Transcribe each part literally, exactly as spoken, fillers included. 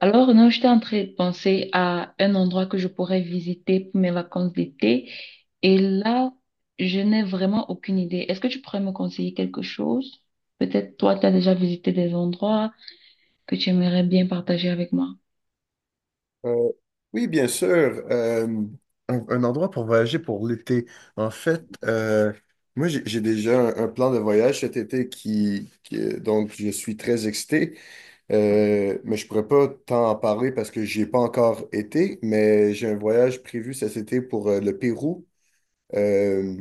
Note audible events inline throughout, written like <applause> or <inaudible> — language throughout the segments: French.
Alors, non, j'étais en train de penser à un endroit que je pourrais visiter pour mes vacances d'été. Et là, je n'ai vraiment aucune idée. Est-ce que tu pourrais me conseiller quelque chose? Peut-être toi, tu as déjà visité des endroits que tu aimerais bien partager avec moi. Euh, oui, bien sûr. euh, un, un endroit pour voyager pour l'été. En fait, euh, moi, j'ai j'ai déjà un, un plan de voyage cet été qui, qui- euh, donc, je suis très excité. Euh, mais je pourrais pas t'en parler parce que j'y ai pas encore été. Mais j'ai un voyage prévu cet été pour euh, le Pérou. Euh,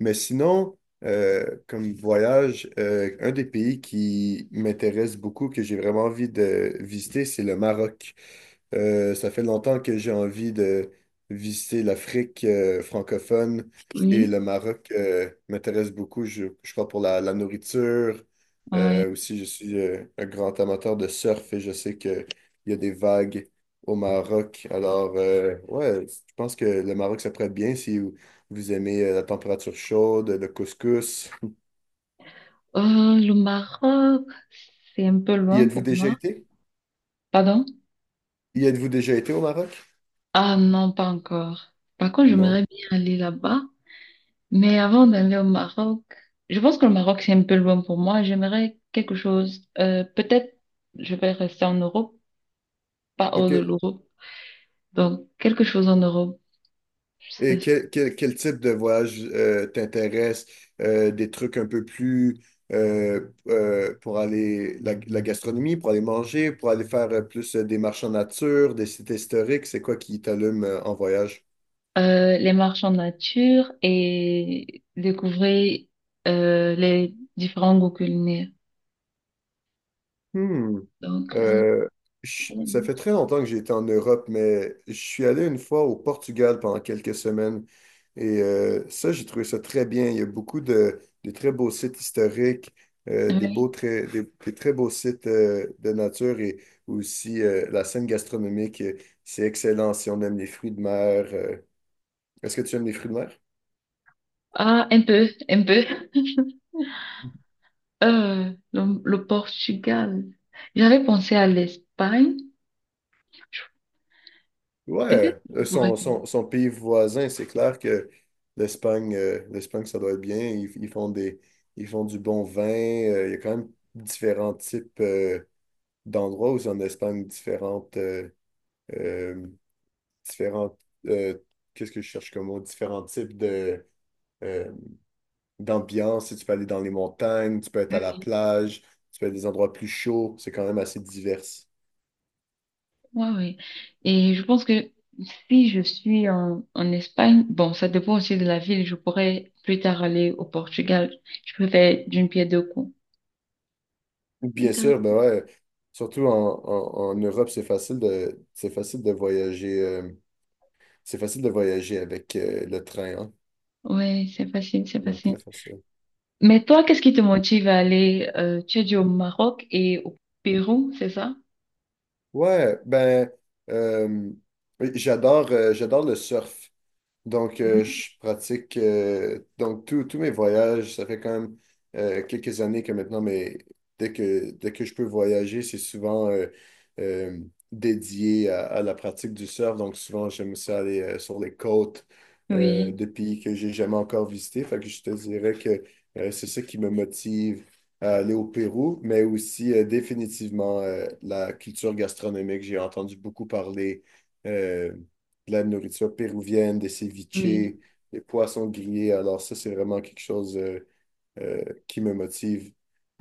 mais sinon, euh, comme voyage, euh, un des pays qui m'intéresse beaucoup, que j'ai vraiment envie de visiter, c'est le Maroc. Euh, ça fait longtemps que j'ai envie de visiter l'Afrique euh, francophone et Oui, le Maroc euh, m'intéresse beaucoup. Je, je crois pour la, la nourriture. ouais. Euh, aussi, je suis euh, un grand amateur de surf et je sais qu'il y a des vagues au Maroc. Alors, euh, ouais, je pense que le Maroc, ça pourrait être bien si vous, vous aimez euh, la température chaude, le couscous. Euh, le Maroc, c'est un peu Y loin êtes-vous pour déjà moi. été? Pardon? Y êtes-vous déjà été au Maroc? Ah non, pas encore. Par contre, Non. j'aimerais bien aller là-bas. Mais avant d'aller au Maroc, je pense que le Maroc, c'est un peu loin pour moi. J'aimerais quelque chose. Euh, peut-être je vais rester en Europe, pas hors OK. de l'Europe. Donc, quelque chose en Europe. Et Ce- quel, quel, quel type de voyage euh, t'intéresse? Euh, des trucs un peu plus euh, euh, pour aller, la, la gastronomie, pour aller manger, pour aller faire euh, plus euh, des marches en nature, des sites historiques, c'est quoi qui t'allume euh, en voyage? euh, les marches en nature et découvrir euh, les différents goûts culinaires. Hmm. Donc, là, Euh, je- Ça fait très longtemps que j'ai été en Europe, mais je suis allé une fois au Portugal pendant quelques semaines. Et euh, ça, j'ai trouvé ça très bien. Il y a beaucoup de, de très beaux sites historiques, euh, des beaux oui. très, des, des très beaux sites euh, de nature et aussi euh, la scène gastronomique. euh, C'est excellent si on aime les fruits de mer. euh. Est-ce que tu aimes les fruits de mer? Ah, un peu, un peu. Euh, le, le Portugal. J'avais pensé à l'Espagne. Je- Peut-être Ouais, que je euh, pourrais son, son, son pays voisin, c'est clair que l'Espagne, euh, l'Espagne, ça doit être bien. Ils, ils font des, ils font du bon vin. Euh, il y a quand même différents types euh, d'endroits où c'est en Espagne, différentes, euh, euh, différentes, euh, qu'est-ce que je cherche comme mot? Différents types de, euh, d'ambiance. Si tu peux aller dans les montagnes, tu peux être à la faire. plage, tu peux être à des endroits plus chauds. C'est quand même assez divers. Ouais, ouais. Et je pense que si je suis en, en Espagne, bon, ça dépend aussi de la ville, je pourrais plus tard aller au Portugal. Je peux faire d'une pierre deux coups. Bien sûr, ben Intéressant. ouais. Surtout en, en- en Europe, c'est facile de, c'est facile de voyager, euh, c'est facile de voyager avec euh, le train, hein. Ouais, c'est facile, c'est Même facile. très facile. Mais toi, qu'est-ce qui te motive à aller, euh, tu as dit au Maroc et au Pérou, c'est ça? Ouais, ben, euh, oui, j'adore, euh, j'adore le surf. Donc, euh, Mhm. je pratique, euh, donc tous tous mes voyages, ça fait quand même euh, quelques années que maintenant, mais dès que, dès que je peux voyager, c'est souvent euh, euh, dédié à, à la pratique du surf. Donc, souvent, j'aime ça aller euh, sur les côtes euh, Oui, de pays que j'ai jamais encore visités. Fait que je te dirais que euh, c'est ça qui me motive à aller au Pérou, mais aussi euh, définitivement euh, la culture gastronomique. J'ai entendu beaucoup parler. euh, de la nourriture péruvienne, des ceviches, oui. des poissons grillés. Alors ça, c'est vraiment quelque chose euh, euh, qui me motive.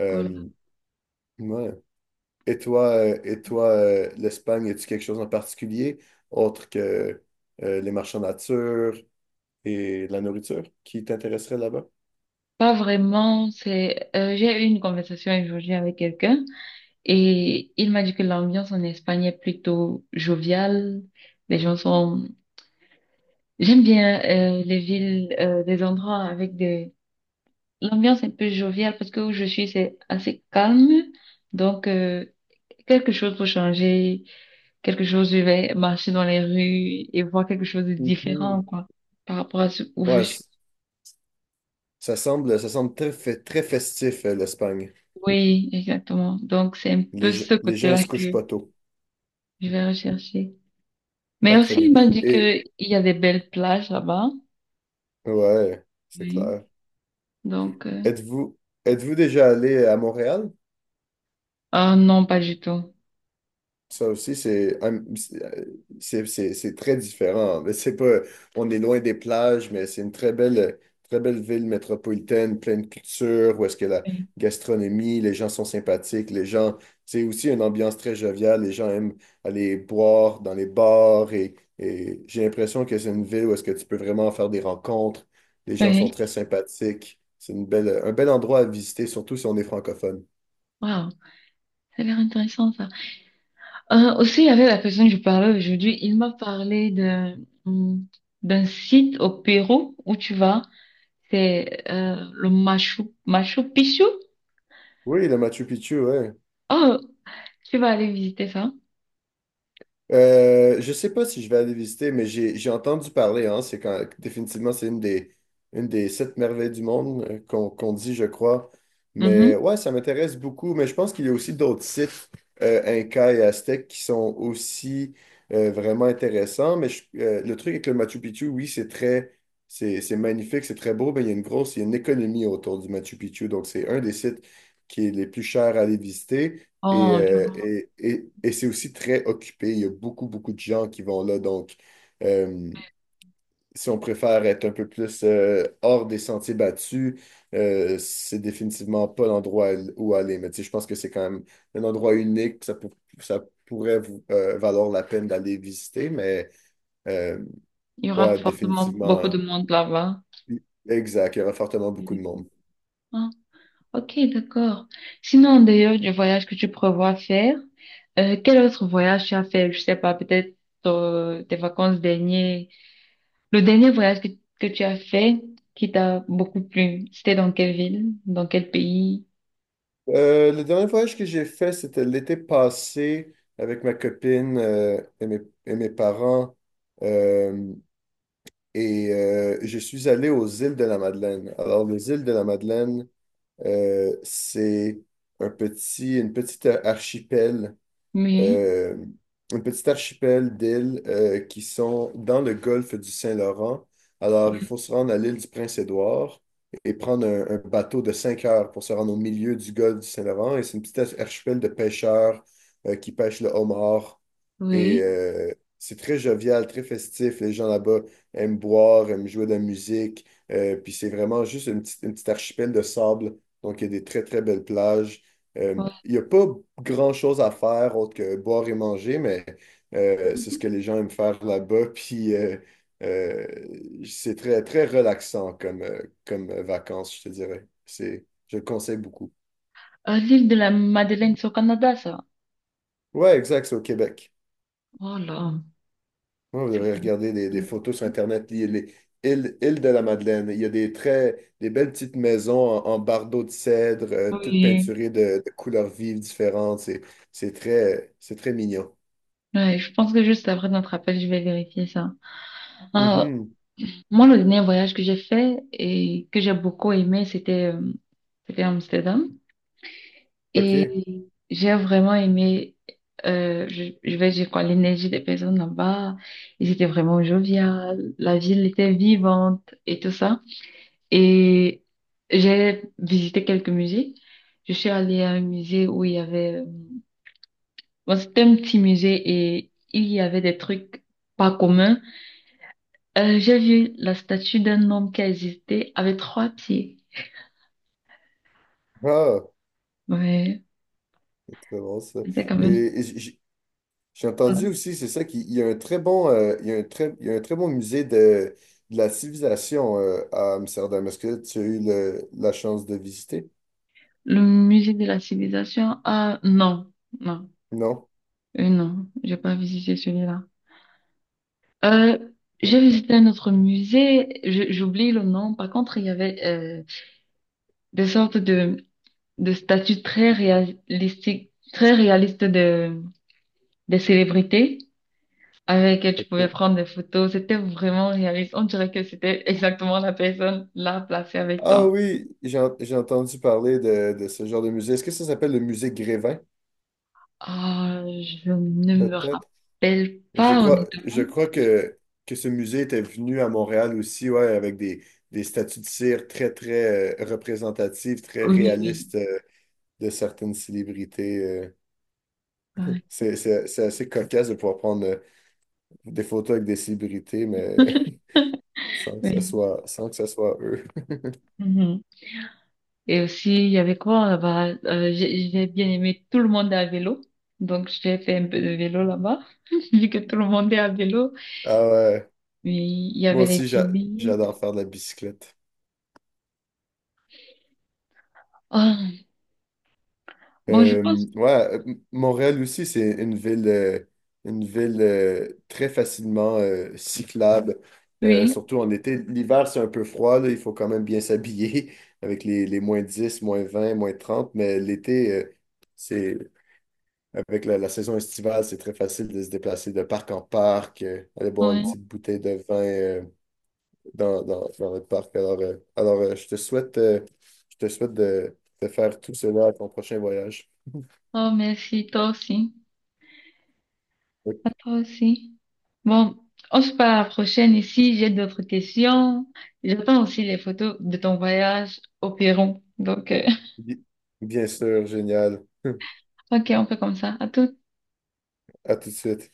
Euh, Voilà. ouais. Et toi, euh, et toi euh, l'Espagne, as-tu quelque chose en particulier autre que euh, les marchands de nature et la nourriture qui t'intéresserait là-bas? Pas vraiment, c'est, euh, j'ai eu une conversation aujourd'hui avec quelqu'un et il m'a dit que l'ambiance en Espagne est plutôt joviale. Les gens sont. J'aime bien euh, les villes, euh, des endroits avec des... L'ambiance un peu joviale parce que où je suis, c'est assez calme. Donc, euh, quelque chose pour changer, quelque chose, je vais marcher dans les rues et voir quelque chose de différent, Mhm. quoi, par rapport à ce où je Ouais, suis. c- Ça semble, ça semble très, fe- très festif, euh, l'Espagne. Oui, exactement. Donc, c'est un peu Les, ge- ce Les gens, ils côté-là se couchent que pas tôt. je vais rechercher. Mais Ah, très aussi, bien. il m'a dit Et que il y a des belles plages là-bas. ouais, c'est Oui. clair. Donc, euh, Êtes-vous Êtes-vous déjà allé à Montréal? ah non, pas du tout. Ça aussi, c'est un- c'est c'est- C'est très différent. Mais c'est pas, on est loin des plages, mais c'est une très belle, très belle ville métropolitaine, pleine de culture, où est-ce que la Oui. gastronomie, les gens sont sympathiques, les gens, c'est aussi une ambiance très joviale, les gens aiment aller boire dans les bars et, et j'ai l'impression que c'est une ville où est-ce que tu peux vraiment faire des rencontres, les gens sont Oui. très sympathiques, c'est une belle, un bel endroit à visiter, surtout si on est francophone. Wow, ça a l'air intéressant, ça. Euh, aussi, avec la personne que je parlais aujourd'hui, il m'a parlé d'un hum, d'un site au Pérou où tu vas. C'est euh, le Machu, Machu Picchu. Oui, le Machu Picchu, ouais. Oh, tu vas aller visiter ça. Euh, je sais pas si je vais aller visiter, mais j'ai j'ai entendu parler, hein. C'est quand définitivement c'est une des une des sept merveilles du monde euh, qu'on qu'on dit, je crois. Mhm. Mais ouais, ça m'intéresse beaucoup. Mais je pense qu'il y a aussi d'autres sites euh, Inca et Aztèques qui sont aussi euh, vraiment intéressants. Mais je- euh, le truc avec le Machu Picchu, oui, c'est très c'est c'est magnifique, c'est très beau, mais il y a une grosse, il y a une économie autour du Machu Picchu. Donc c'est un des sites qui est les plus chers à aller visiter. Et, Oh, je- euh, vois. Et, et, et c'est aussi très occupé. Il y a beaucoup, beaucoup de gens qui vont là. Donc, euh, si on préfère être un peu plus euh, hors des sentiers battus, euh, c'est définitivement pas l'endroit où aller. Mais tu sais, je pense que c'est quand même un endroit unique. Ça, pour- ça pourrait vous, euh, valoir la peine d'aller visiter. Mais euh, Il y aura ouais, forcément définitivement. beaucoup de monde là-bas. Exact, il y aura fortement beaucoup de monde. Ah, ok, d'accord. Sinon, d'ailleurs, du voyage que tu prévois faire, euh, quel autre voyage tu as fait? Je sais pas, peut-être euh, tes vacances dernières. Le dernier voyage que, que tu as fait qui t'a beaucoup plu, c'était dans quelle ville, dans quel pays? Euh, le dernier voyage que j'ai fait, c'était l'été passé avec ma copine euh, et mes, et mes parents. Euh, et euh, je suis allé aux îles de la Madeleine. Alors, les îles de la Madeleine, euh, c'est un petit, une petite archipel Oui, euh, un petit archipel d'îles euh, qui sont dans le golfe du Saint-Laurent. Alors, il faut se rendre à l'île du Prince-Édouard et prendre un, un bateau de cinq heures pour se rendre au milieu du golfe du Saint-Laurent. Et c'est une petite archipel de pêcheurs euh, qui pêchent le homard. Et oui. euh, c'est très jovial, très festif. Les gens là-bas aiment boire, aiment jouer de la musique. Euh, puis c'est vraiment juste une petite, une petite archipel de sable. Donc, il y a des très, très belles plages. Euh, ouais. Il n'y a pas grand-chose à faire autre que boire et manger, mais euh, c'est ce que les gens aiment faire là-bas. <laughs> Puis euh, euh, c'est très, très relaxant comme, euh, comme vacances, je te dirais. C'est, je le conseille beaucoup. Ah, l'île de la Madeleine, c'est au Canada, ça. Ouais, exact, c'est au Québec. Oh là. Ouais, vous c'est- devrez regarder des, des photos sur Internet, les, les îles, îles de la Madeleine. Il y a des très, des belles petites maisons en, en bardeaux de cèdre, euh, toutes Oui. peinturées de, de couleurs vives différentes. C'est, c'est très, c'est très mignon. Ouais, je pense que juste après notre appel, je vais vérifier ça. Ah, Mhm. moi, le dernier voyage que j'ai fait et que j'ai beaucoup aimé, c'était euh, c'était Amsterdam. OK. Et j'ai vraiment aimé, euh, je, je vais dire quoi, l'énergie des personnes là-bas. Ils étaient vraiment joviales, la ville était vivante et tout ça. Et j'ai visité quelques musées. Je suis allée à un musée où il y avait, euh, bon, c'était un petit musée et il y avait des trucs pas communs. Euh, j'ai vu la statue d'un homme qui a existé avec trois pieds. Ah. Ouais, Très bon, ça. c'était quand Et, même et j- j- j'ai pas mal. entendu aussi, c'est ça, qu'il il y a un très bon, euh, il y a un très, il y a un très bon musée de, de la civilisation euh, à Amsterdam. Est-ce que tu as eu le- La chance de visiter? Le musée de la civilisation. Ah, non, non. Non? Euh, non, j'ai pas visité celui-là. Euh, j'ai visité un autre musée, je- J'oublie le nom. Par contre, il y avait euh, des sortes de, de statues très réalistiques, très réalistes de, des célébrités avec lesquelles tu pouvais OK. prendre des photos. C'était vraiment réaliste. On dirait que c'était exactement la personne là placée avec Ah toi. Oui, j'ai en- j'ai entendu parler de, de ce genre de musée. Est-ce que ça s'appelle le musée Grévin, Ah, je ne me peut-être? rappelle Je pas crois, Je honnêtement. crois que, que ce musée était venu à Montréal aussi, ouais, avec des, des statues de cire très, très euh, représentatives, très Oui, oui, réalistes. Euh, de certaines célébrités. euh. ouais, c'est, c'est- C'est assez cocasse de pouvoir prendre euh, des photos avec des célébrités, mais <laughs> sans que ça oui. soit, sans que ça soit eux. Mhm. Et aussi, il y avait quoi là-bas? Euh, j'ai j'ai bien aimé tout le monde à vélo. Donc, j'ai fait un peu de vélo là-bas, <laughs> vu que tout le monde est à vélo. Ah ouais, Oui, il y moi avait les aussi, j'a- tulipes. J'adore faire de la bicyclette. Ah, bon, je Euh, pense, ouais, euh, M- Montréal aussi, c'est une ville, euh, une ville euh, très facilement euh, cyclable. Euh, oui, surtout en été. L'hiver, c'est un peu froid, là, il faut quand même bien s'habiller <laughs> avec les, les moins dix, moins vingt, moins trente mais l'été, euh, c'est avec la, la saison estivale, c'est très facile de se déplacer de parc en parc, euh, aller boire une oui. Ouais. petite bouteille de vin euh, dans, dans, dans notre parc. Alors, euh, alors euh, je te souhaite, euh, je te souhaite de, de faire tout cela à ton prochain voyage. Oh, merci, toi aussi. À Donc, toi aussi. Bon, on se parle à la prochaine ici. J'ai d'autres questions. J'attends aussi les photos de ton voyage au Pérou. Donc, euh, <laughs> bi- Bien sûr, génial. <laughs> ok, on fait comme ça. À tout. À tout de suite.